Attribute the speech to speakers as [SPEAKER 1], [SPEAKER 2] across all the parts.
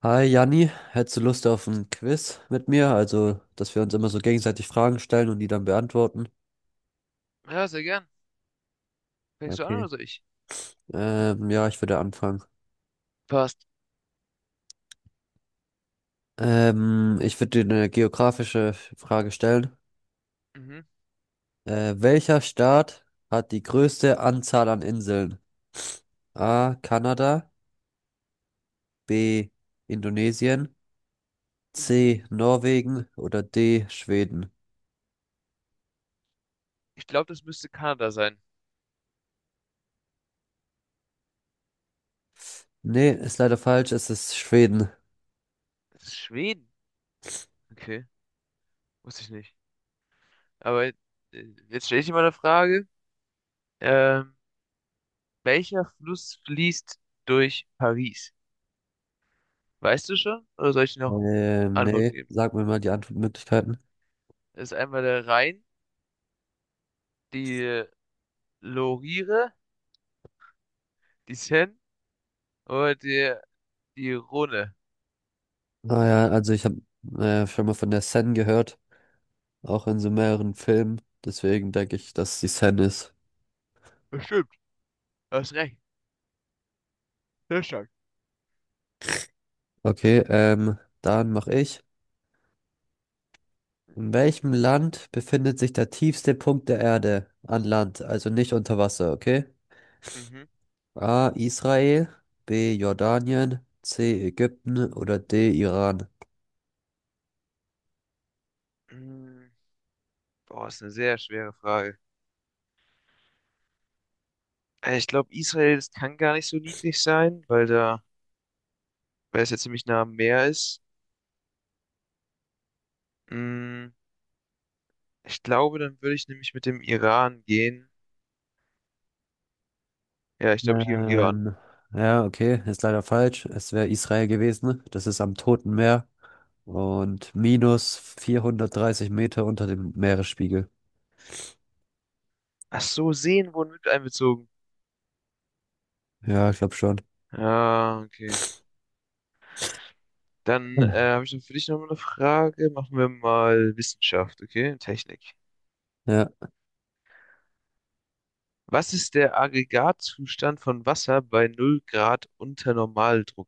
[SPEAKER 1] Hi Janni, hättest du Lust auf ein Quiz mit mir? Also, dass wir uns immer so gegenseitig Fragen stellen und die dann beantworten.
[SPEAKER 2] Ja, sehr gern. Fängst du an
[SPEAKER 1] Okay.
[SPEAKER 2] oder soll ich?
[SPEAKER 1] Ja, ich würde anfangen.
[SPEAKER 2] Passt.
[SPEAKER 1] Ich würde dir eine geografische Frage stellen.
[SPEAKER 2] Mhm.
[SPEAKER 1] Welcher Staat hat die größte Anzahl an Inseln? A. Kanada, B. Indonesien,
[SPEAKER 2] Mhm.
[SPEAKER 1] C. Norwegen oder D. Schweden?
[SPEAKER 2] Ich glaube, das müsste Kanada sein.
[SPEAKER 1] Nee, ist leider falsch, es ist Schweden.
[SPEAKER 2] Das ist Schweden. Okay, wusste ich nicht. Aber jetzt stelle ich dir mal eine Frage. Ähm, welcher Fluss fließt durch Paris? Weißt du schon? Oder soll ich dir noch Antworten
[SPEAKER 1] Nee,
[SPEAKER 2] geben?
[SPEAKER 1] sag mir mal die Antwortmöglichkeiten.
[SPEAKER 2] Das ist einmal der Rhein, die Lorire, die Seine oder die Rhone.
[SPEAKER 1] Ah ja, also ich habe schon mal von der Sen gehört, auch in so mehreren Filmen. Deswegen denke ich, dass die Sen ist.
[SPEAKER 2] Bestimmt, hast recht. Sehr stark.
[SPEAKER 1] Okay, dann mache ich. In welchem Land befindet sich der tiefste Punkt der Erde an Land, also nicht unter Wasser, okay?
[SPEAKER 2] Mhm.
[SPEAKER 1] A. Israel, B. Jordanien, C. Ägypten oder D. Iran.
[SPEAKER 2] Mm, boah, ist eine sehr schwere Frage. Ich glaube, Israel, das kann gar nicht so niedrig sein, weil es ja ziemlich nah am Meer ist. Mm, ich glaube, dann würde ich nämlich mit dem Iran gehen. Ja, ich glaube, ich gehe mit dem Iran.
[SPEAKER 1] Ähm, ja, okay, ist leider falsch. Es wäre Israel gewesen. Das ist am Toten Meer. Und minus 430 Meter unter dem Meeresspiegel.
[SPEAKER 2] Ach so, Seen wurden mit einbezogen.
[SPEAKER 1] Ja, ich glaube schon.
[SPEAKER 2] Ah, okay. Dann
[SPEAKER 1] Hm.
[SPEAKER 2] habe ich noch für dich noch mal eine Frage. Machen wir mal Wissenschaft, okay? Technik.
[SPEAKER 1] Ja,
[SPEAKER 2] Was ist der Aggregatzustand von Wasser bei null Grad unter Normaldruck?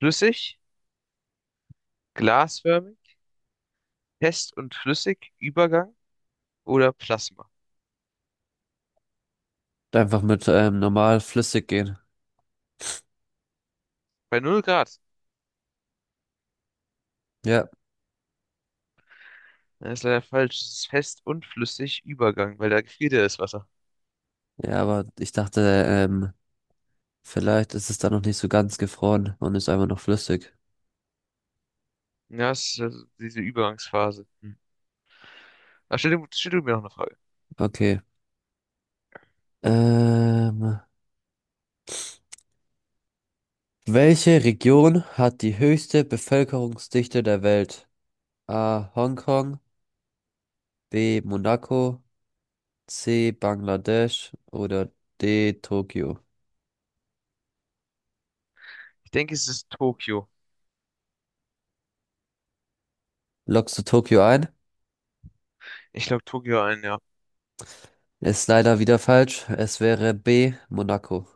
[SPEAKER 2] Flüssig, glasförmig, fest und flüssig, Übergang oder Plasma?
[SPEAKER 1] einfach mit normal flüssig gehen.
[SPEAKER 2] Bei null Grad.
[SPEAKER 1] Ja,
[SPEAKER 2] Ja, ist leider falsch. Es ist fest und flüssig Übergang, weil da gefriert ja das Wasser.
[SPEAKER 1] ja, aber ich dachte, ähm, vielleicht ist es da noch nicht so ganz gefroren und ist einfach noch flüssig.
[SPEAKER 2] Ja, es ist also diese Übergangsphase. Hm. Ah, stell du mir noch eine Frage.
[SPEAKER 1] Okay. Ähm, welche Region hat die höchste Bevölkerungsdichte der Welt? A. Hongkong, B. Monaco, C. Bangladesch oder D. Tokio.
[SPEAKER 2] Ich denke, es ist Tokio.
[SPEAKER 1] Loggst du Tokio ein?
[SPEAKER 2] Ich glaube, Tokio ein, ja.
[SPEAKER 1] Ist leider wieder falsch. Es wäre B, Monaco.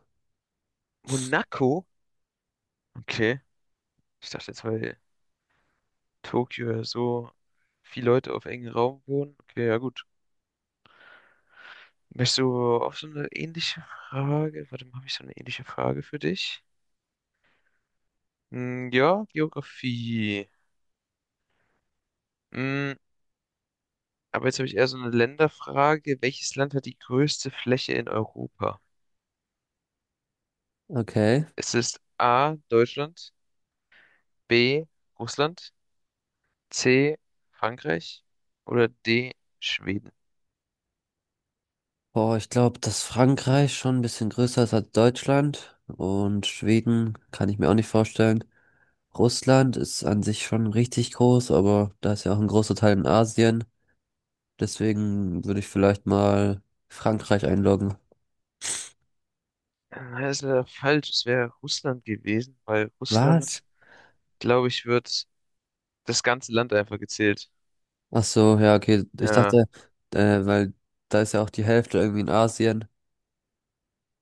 [SPEAKER 2] Monaco? Okay. Ich dachte jetzt, weil Tokio ja so viele Leute auf engem Raum wohnen. Okay, ja gut. Möchtest du auch so eine ähnliche Frage? Warte mal, habe ich so eine ähnliche Frage für dich? Hm, ja, Geografie. Hm, aber jetzt habe ich eher so eine Länderfrage. Welches Land hat die größte Fläche in Europa?
[SPEAKER 1] Okay.
[SPEAKER 2] Es ist A, Deutschland, B, Russland, C, Frankreich oder D, Schweden.
[SPEAKER 1] Boah, ich glaube, dass Frankreich schon ein bisschen größer ist als Deutschland. Und Schweden kann ich mir auch nicht vorstellen. Russland ist an sich schon richtig groß, aber da ist ja auch ein großer Teil in Asien. Deswegen würde ich vielleicht mal Frankreich einloggen.
[SPEAKER 2] Das ist leider falsch. Es wäre Russland gewesen, weil
[SPEAKER 1] Was?
[SPEAKER 2] Russland, glaube ich, wird das ganze Land einfach gezählt.
[SPEAKER 1] Ach so, ja, okay. Ich
[SPEAKER 2] Ja,
[SPEAKER 1] dachte, weil da ist ja auch die Hälfte irgendwie in Asien,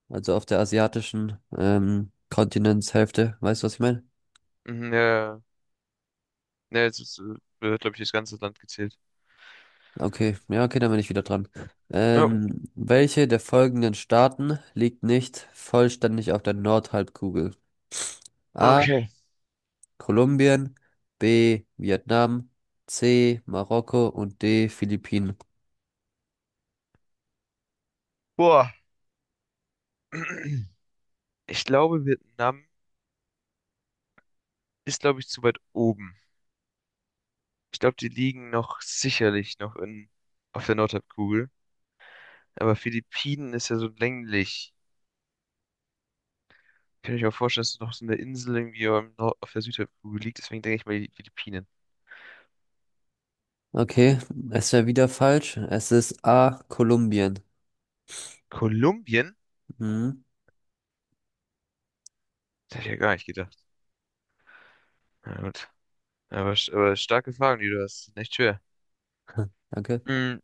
[SPEAKER 1] also auf der asiatischen Kontinentshälfte. Weißt du, was ich meine?
[SPEAKER 2] mhm, ja, ja, wird, glaube ich, das ganze Land gezählt.
[SPEAKER 1] Okay, ja, okay, dann bin ich wieder dran.
[SPEAKER 2] Ja,
[SPEAKER 1] Welche der folgenden Staaten liegt nicht vollständig auf der Nordhalbkugel? A.
[SPEAKER 2] okay.
[SPEAKER 1] Kolumbien, B. Vietnam, C. Marokko und D. Philippinen.
[SPEAKER 2] Boah. Ich glaube, Vietnam ist, glaube ich, zu weit oben. Ich glaube, die liegen noch sicherlich noch in, auf der Nordhalbkugel. Aber Philippinen ist ja so länglich. Kann ich mir auch vorstellen, dass es noch so eine Insel irgendwie am auf der Südhalbkugel liegt. Deswegen denke ich mal die Philippinen.
[SPEAKER 1] Okay, es wäre wieder falsch. Es ist A. Kolumbien.
[SPEAKER 2] Kolumbien?
[SPEAKER 1] Mhm.
[SPEAKER 2] Das hätte ich ja gar nicht gedacht. Na gut. Aber starke Fragen, die du hast. Sind echt schwer.
[SPEAKER 1] Danke.
[SPEAKER 2] Hm,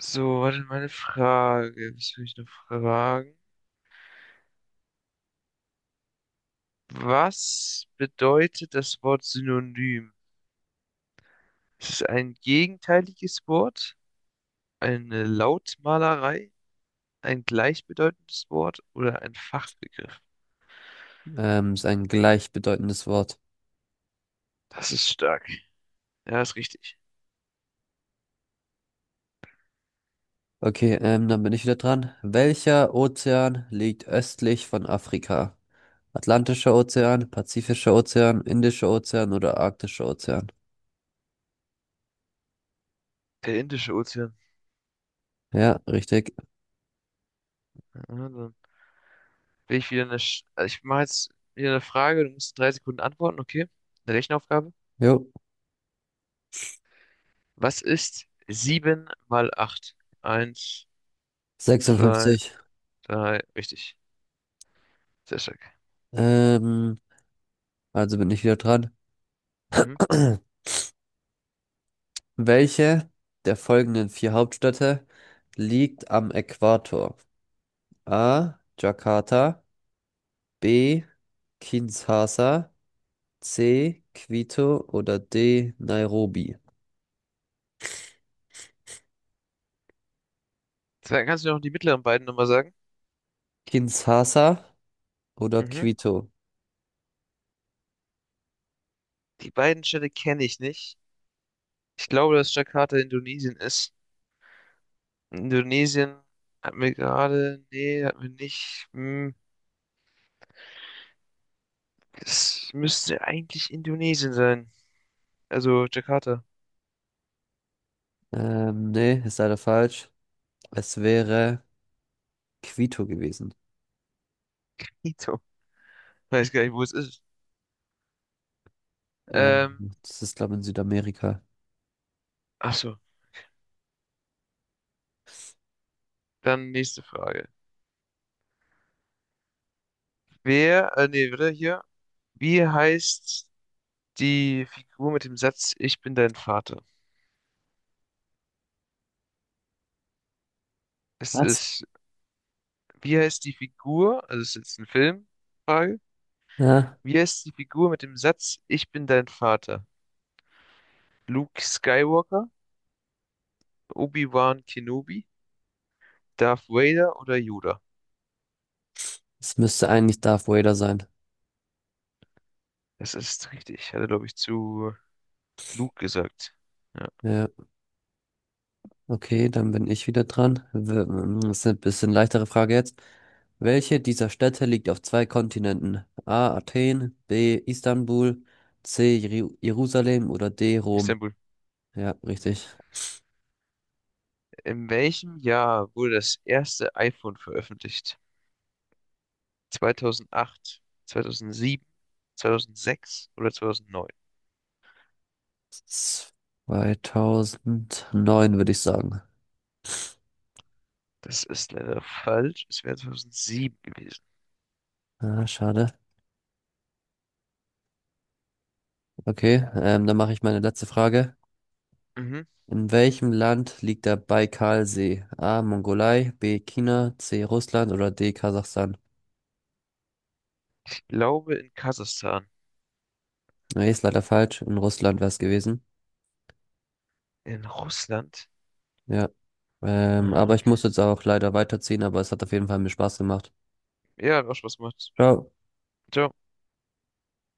[SPEAKER 2] so, warte, meine Frage. Was will ich noch fragen? Was bedeutet das Wort Synonym? Ist es ein gegenteiliges Wort, eine Lautmalerei, ein gleichbedeutendes Wort oder ein Fachbegriff?
[SPEAKER 1] Ist ein gleichbedeutendes Wort.
[SPEAKER 2] Das ist stark. Ja, ist richtig.
[SPEAKER 1] Okay, dann bin ich wieder dran. Welcher Ozean liegt östlich von Afrika? Atlantischer Ozean, Pazifischer Ozean, Indischer Ozean oder Arktischer Ozean?
[SPEAKER 2] Der Indische Ozean.
[SPEAKER 1] Ja, richtig.
[SPEAKER 2] Ja, dann will ich wieder eine. Sch Also ich mache jetzt wieder eine Frage. Du musst in drei Sekunden antworten, okay? Eine Rechenaufgabe.
[SPEAKER 1] Jo.
[SPEAKER 2] Was ist 7 mal 8? Eins, zwei,
[SPEAKER 1] 56.
[SPEAKER 2] drei. Richtig. Sehr stark.
[SPEAKER 1] Ähm, also bin ich wieder dran.
[SPEAKER 2] Mhm.
[SPEAKER 1] Welche der folgenden vier Hauptstädte liegt am Äquator? A. Jakarta, B. Kinshasa, C. Quito oder D. Nairobi?
[SPEAKER 2] Dann kannst du mir noch die mittleren beiden nochmal sagen.
[SPEAKER 1] Kinshasa oder
[SPEAKER 2] Mhm.
[SPEAKER 1] Quito?
[SPEAKER 2] Die beiden Städte kenne ich nicht. Ich glaube, dass Jakarta Indonesien ist. Indonesien hat mir gerade. Nee, hat mir nicht. Hm. Es müsste eigentlich Indonesien sein. Also Jakarta.
[SPEAKER 1] Nee, ist leider falsch. Es wäre Quito gewesen.
[SPEAKER 2] Weiß gar nicht, wo es ist.
[SPEAKER 1] Ähm,
[SPEAKER 2] Ähm,
[SPEAKER 1] das ist, glaube ich, in Südamerika.
[SPEAKER 2] ach so, dann nächste Frage. Warte, hier. Wie heißt die Figur mit dem Satz "Ich bin dein Vater"? Es
[SPEAKER 1] Was?
[SPEAKER 2] ist, wie heißt die Figur, also es ist jetzt eine Filmfrage,
[SPEAKER 1] Ja,
[SPEAKER 2] wie heißt die Figur mit dem Satz "Ich bin dein Vater"? Luke Skywalker, Obi-Wan Kenobi, Darth Vader oder Yoda?
[SPEAKER 1] es müsste eigentlich Darth Vader sein.
[SPEAKER 2] Das ist richtig, hat er, glaube ich, zu Luke gesagt. Ja,
[SPEAKER 1] Ja, okay, dann bin ich wieder dran. Das ist eine bisschen leichtere Frage jetzt. Welche dieser Städte liegt auf zwei Kontinenten? A. Athen, B. Istanbul, C. Jerusalem oder D. Rom?
[SPEAKER 2] Istanbul.
[SPEAKER 1] Ja, richtig.
[SPEAKER 2] In welchem Jahr wurde das erste iPhone veröffentlicht? 2008, 2007, 2006 oder 2009?
[SPEAKER 1] 2009 würde ich sagen.
[SPEAKER 2] Das ist leider falsch. Es wäre 2007 gewesen.
[SPEAKER 1] Ah, schade. Okay, dann mache ich meine letzte Frage.
[SPEAKER 2] Mhm.
[SPEAKER 1] In welchem Land liegt der Baikalsee? A. Mongolei, B. China, C. Russland oder D. Kasachstan?
[SPEAKER 2] Ich glaube in Kasachstan.
[SPEAKER 1] Nee, ist leider falsch. In Russland wäre es gewesen.
[SPEAKER 2] In Russland?
[SPEAKER 1] Ja.
[SPEAKER 2] Ah,
[SPEAKER 1] Aber ich
[SPEAKER 2] okay.
[SPEAKER 1] muss jetzt auch leider weiterziehen, aber es hat auf jeden Fall mir Spaß gemacht.
[SPEAKER 2] Ja, hat auch Spaß gemacht.
[SPEAKER 1] Ciao.
[SPEAKER 2] Ciao.